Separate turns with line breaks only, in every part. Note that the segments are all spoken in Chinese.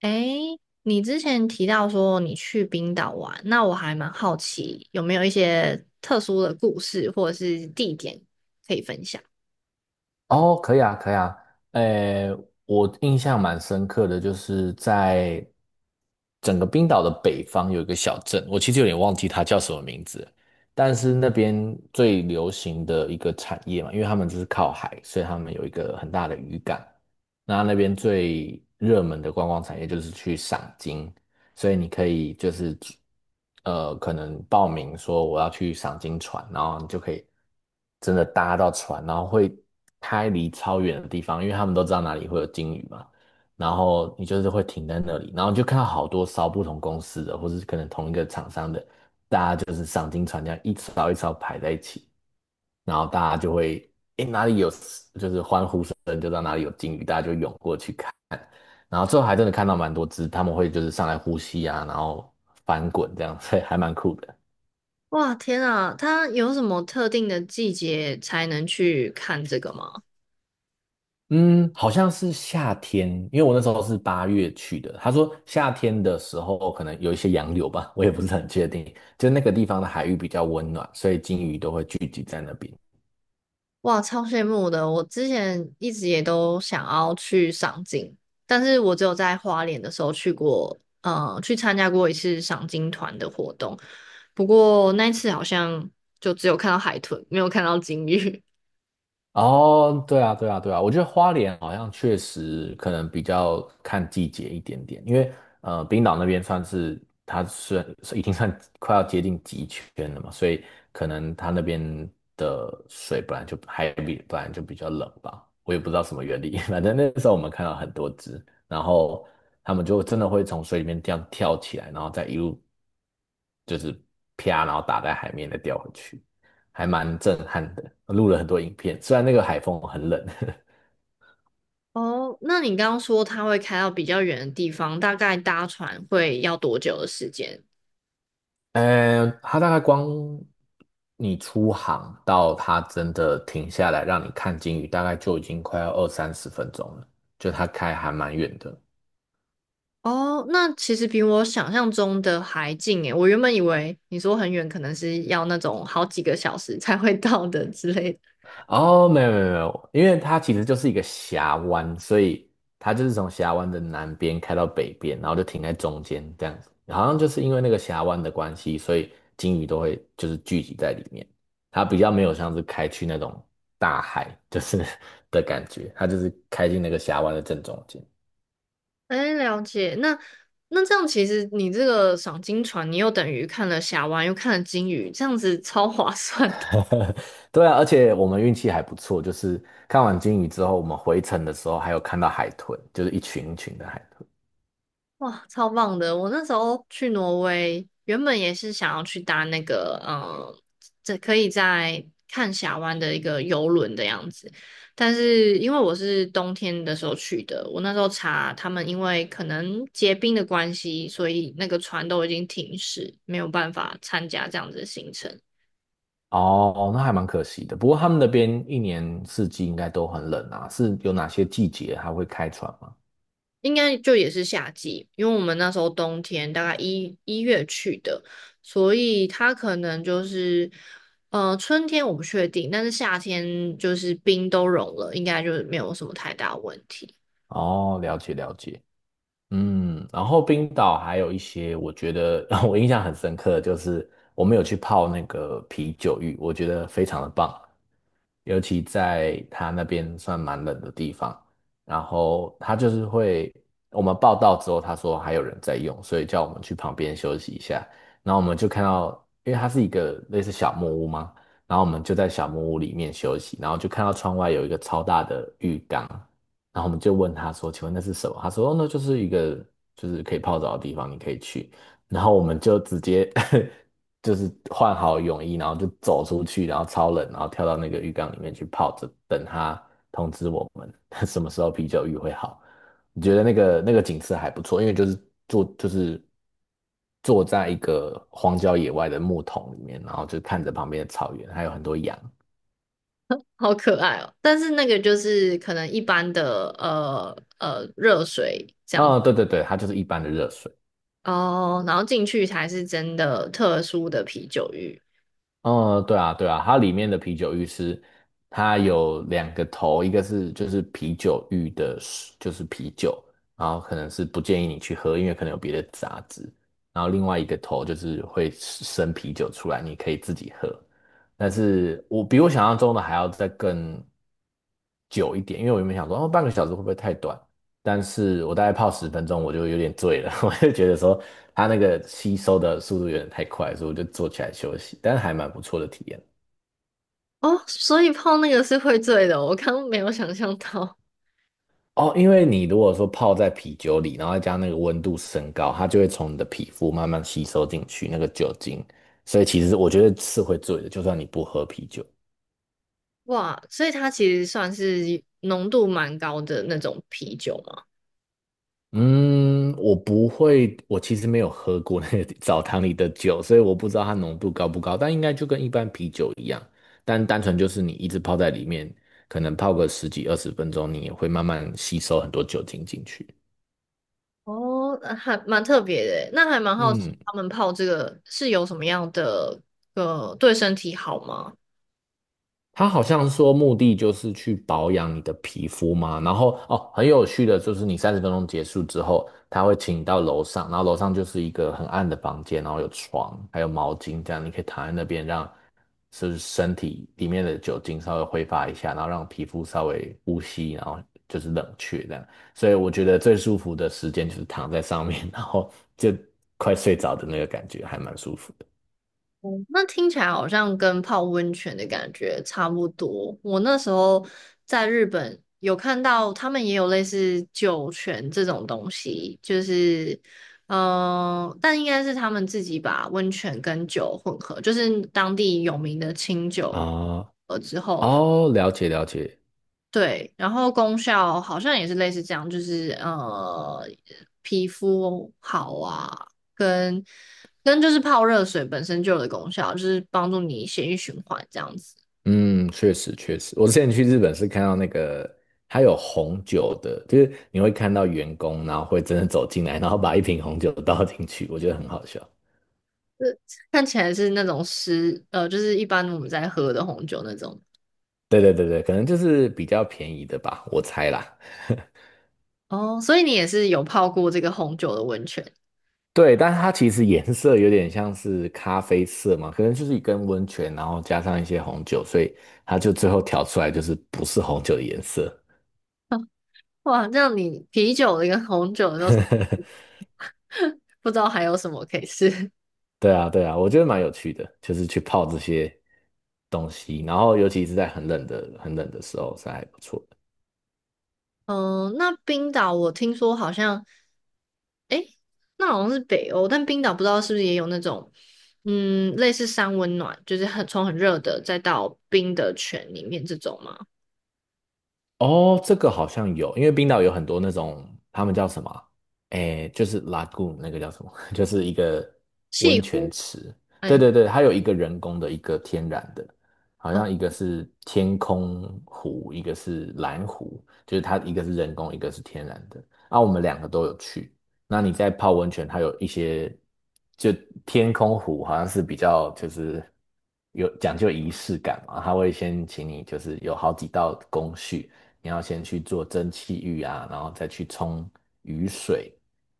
诶，你之前提到说你去冰岛玩，那我还蛮好奇有没有一些特殊的故事或者是地点可以分享？
哦，可以啊，可以啊。诶，我印象蛮深刻的，就是在整个冰岛的北方有一个小镇，我其实有点忘记它叫什么名字了，但是那边最流行的一个产业嘛，因为他们就是靠海，所以他们有一个很大的渔港。那那边最热门的观光产业就是去赏金，所以你可以就是可能报名说我要去赏金船，然后你就可以真的搭到船，然后会开离超远的地方，因为他们都知道哪里会有鲸鱼嘛。然后你就是会停在那里，然后你就看到好多艘不同公司的，或是可能同一个厂商的，它就是赏金船这样一艘一艘排在一起，然后大家就会，诶，哪里有，就是欢呼声就知道哪里有鲸鱼，大家就涌过去看。然后最后还真的看到蛮多只，他们会就是上来呼吸啊，然后翻滚这样，所以还蛮酷的。
哇，天啊，它有什么特定的季节才能去看这个吗？
嗯，好像是夏天，因为我那时候是8月去的。他说夏天的时候可能有一些洋流吧，我也不是很确定。就那个地方的海域比较温暖，所以鲸鱼都会聚集在那边。
哇，超羡慕的！我之前一直也都想要去赏金，但是我只有在花莲的时候去过，去参加过一次赏金团的活动，不过那一次好像就只有看到海豚，没有看到鲸鱼。
哦，对啊，对啊，对啊，我觉得花莲好像确实可能比较看季节一点点，因为冰岛那边算是已经算快要接近极圈了嘛，所以可能它那边的水本来就比较冷吧，我也不知道什么原理。反正那时候我们看到很多只，然后它们就真的会从水里面这样跳起来，然后再一路就是啪，然后打在海面再掉回去。还蛮震撼的，录了很多影片。虽然那个海风很冷，
哦，那你刚刚说它会开到比较远的地方，大概搭船会要多久的时间？
它大概光你出航到它真的停下来让你看鲸鱼，大概就已经快要二三十分钟了，就它开还蛮远的。
哦，那其实比我想象中的还近诶，我原本以为你说很远，可能是要那种好几个小时才会到的之类的。
哦，没有没有没有，因为它其实就是一个峡湾，所以它就是从峡湾的南边开到北边，然后就停在中间这样子。好像就是因为那个峡湾的关系，所以鲸鱼都会就是聚集在里面。它比较没有像是开去那种大海，就是 的感觉，它就是开进那个峡湾的正中间。
哎，了解。那这样其实你这个赏金船，你又等于看了峡湾，又看了鲸鱼，这样子超划算的。
对啊，而且我们运气还不错，就是看完鲸鱼之后，我们回程的时候还有看到海豚，就是一群一群的海豚。
哇，超棒的！我那时候去挪威，原本也是想要去搭那个，嗯，这可以在看峡湾的一个游轮的样子。但是因为我是冬天的时候去的，我那时候查他们，因为可能结冰的关系，所以那个船都已经停驶，没有办法参加这样子的行程。
哦，那还蛮可惜的。不过他们那边一年四季应该都很冷啊，是有哪些季节还会开船吗？
应该就也是夏季，因为我们那时候冬天大概一月去的，所以它可能就是，春天我不确定，但是夏天就是冰都融了，应该就是没有什么太大问题。
哦，了解了解。嗯，然后冰岛还有一些，我觉得 我印象很深刻的就是我们有去泡那个啤酒浴，我觉得非常的棒，尤其在它那边算蛮冷的地方，然后它就是会，我们报到之后，他说还有人在用，所以叫我们去旁边休息一下，然后我们就看到，因为它是一个类似小木屋嘛，然后我们就在小木屋里面休息，然后就看到窗外有一个超大的浴缸。然后我们就问他说：“请问那是什么？”他说：“哦，那就是一个就是可以泡澡的地方，你可以去。”然后我们就直接 就是换好泳衣，然后就走出去，然后超冷，然后跳到那个浴缸里面去泡着，等他通知我们 什么时候啤酒浴会好。你觉得那个景色还不错，因为就是坐就是坐在一个荒郊野外的木桶里面，然后就看着旁边的草原，还有很多羊。
好可爱哦！但是那个就是可能一般的热水。
啊，对对对，它就是一般的热水。
哦，然后进去才是真的特殊的啤酒浴。
嗯，对啊，对啊，它里面的啤酒浴是它有两个头，一个是就是啤酒浴的水就是啤酒，然后可能是不建议你去喝，因为可能有别的杂质。然后另外一个头就是会生啤酒出来，你可以自己喝。但是我比我想象中的还要再更久一点，因为我原本想说，哦，半个小时会不会太短？但是我大概泡十分钟，我就有点醉了，我就觉得说它那个吸收的速度有点太快，所以我就坐起来休息，但是还蛮不错的体验。
哦，所以泡那个是会醉的哦，我刚刚没有想象到。
哦，因为你如果说泡在啤酒里，然后再加那个温度升高，它就会从你的皮肤慢慢吸收进去那个酒精，所以其实我觉得是会醉的，就算你不喝啤酒。
哇，所以它其实算是浓度蛮高的那种啤酒嘛。
嗯，我不会，我其实没有喝过那个 澡堂里的酒，所以我不知道它浓度高不高，但应该就跟一般啤酒一样，但单纯就是你一直泡在里面，可能泡个十几二十分钟，你也会慢慢吸收很多酒精进去。
哦，还蛮特别的耶，那还蛮好奇
嗯，
他们泡这个是有什么样的对身体好吗？
他好像说目的就是去保养你的皮肤嘛，然后哦，很有趣的就是你三十分钟结束之后，他会请你到楼上，然后楼上就是一个很暗的房间，然后有床，还有毛巾，这样你可以躺在那边让就是身体里面的酒精稍微挥发一下，然后让皮肤稍微呼吸，然后就是冷却这样。所以我觉得最舒服的时间就是躺在上面，然后就快睡着的那个感觉，还蛮舒服的。
哦，那听起来好像跟泡温泉的感觉差不多。我那时候在日本有看到他们也有类似酒泉这种东西，就是但应该是他们自己把温泉跟酒混合，就是当地有名的清酒
啊、
了之后，
哦，了解了解。
对，然后功效好像也是类似这样，就是皮肤好啊，跟跟就是泡热水本身就有的功效，就是帮助你血液循环这样子。
嗯，确实确实，我之前去日本是看到那个，它有红酒的，就是你会看到员工，然后会真的走进来，然后把一瓶红酒倒进去，我觉得很好笑。
是 看起来是那种湿，就是一般我们在喝的红酒那种。
对对对对，可能就是比较便宜的吧，我猜啦。
哦，所以你也是有泡过这个红酒的温泉。
对，但是它其实颜色有点像是咖啡色嘛，可能就是一根温泉，然后加上一些红酒，所以它就最后调出来就是不是红酒的颜色。
哇，这样你啤酒的跟红酒的都 不知道还有什么可以试。
对啊，对啊，我觉得蛮有趣的，就是去泡这些东西，然后尤其是在很冷的、很冷的时候，是还不错。
嗯，那冰岛我听说好像。诶，那好像是北欧，但冰岛不知道是不是也有那种，嗯，类似山温暖，就是很从很热的再到冰的泉里面这种吗？
哦，这个好像有，因为冰岛有很多那种，他们叫什么啊？诶，就是 lagoon 那个叫什么？就是一个
西
温泉
湖，
池。对
哎，
对对，它有一个人工的，一个天然的，好
哦
像一个是天空湖，一个是蓝湖，就是它一个是人工，一个是天然的。啊，我们两个都有去。那你在泡温泉，它有一些，就天空湖好像是比较就是有讲究仪式感嘛，它会先请你就是有好几道工序。你要先去做蒸汽浴啊，然后再去冲雨水，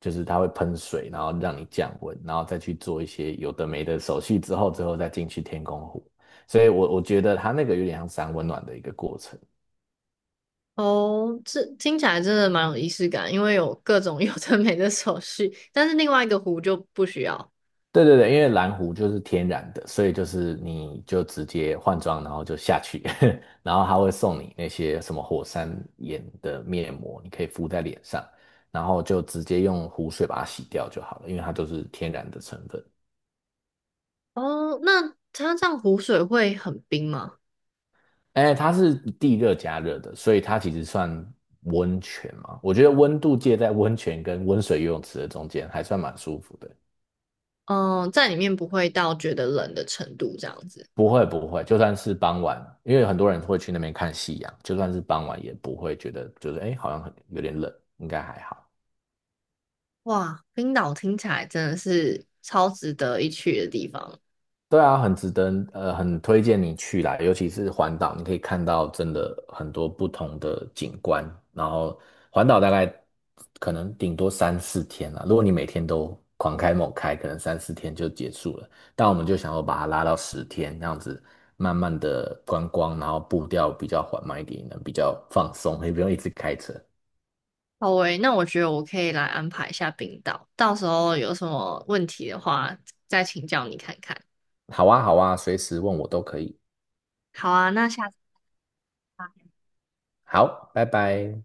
就是它会喷水，然后让你降温，然后再去做一些有的没的手续之后，之后再进去天空湖。所以我觉得它那个有点像三温暖的一个过程。
哦，这听起来真的蛮有仪式感，因为有各种 有的没的手续，但是另外一个湖就不需要。
对对对，因为蓝湖就是天然的，所以就是你就直接换装，然后就下去，然后他会送你那些什么火山岩的面膜，你可以敷在脸上，然后就直接用湖水把它洗掉就好了，因为它都是天然的成分。
哦，那它这样湖水会很冰吗？
哎，它是地热加热的，所以它其实算温泉嘛。我觉得温度介在温泉跟温水游泳池的中间，还算蛮舒服的。
嗯，在里面不会到觉得冷的程度这样子。
不会不会，就算是傍晚，因为很多人会去那边看夕阳，就算是傍晚也不会觉得就是哎，好像很有点冷，应该还好。
哇，冰岛听起来真的是超值得一去的地方。
对啊，很值得，很推荐你去啦，尤其是环岛，你可以看到真的很多不同的景观。然后环岛大概可能顶多三四天啦，如果你每天都狂开猛开，可能三四天就结束了。但我们就想要把它拉到10天，这样子慢慢的观光，然后步调比较缓慢一点，能比较放松，也不用一直开车。
好喂，那我觉得我可以来安排一下冰岛，到时候有什么问题的话，再请教你看看。
好啊，好啊，随时问我都可以。
好啊，那下次。吧。
好，拜拜。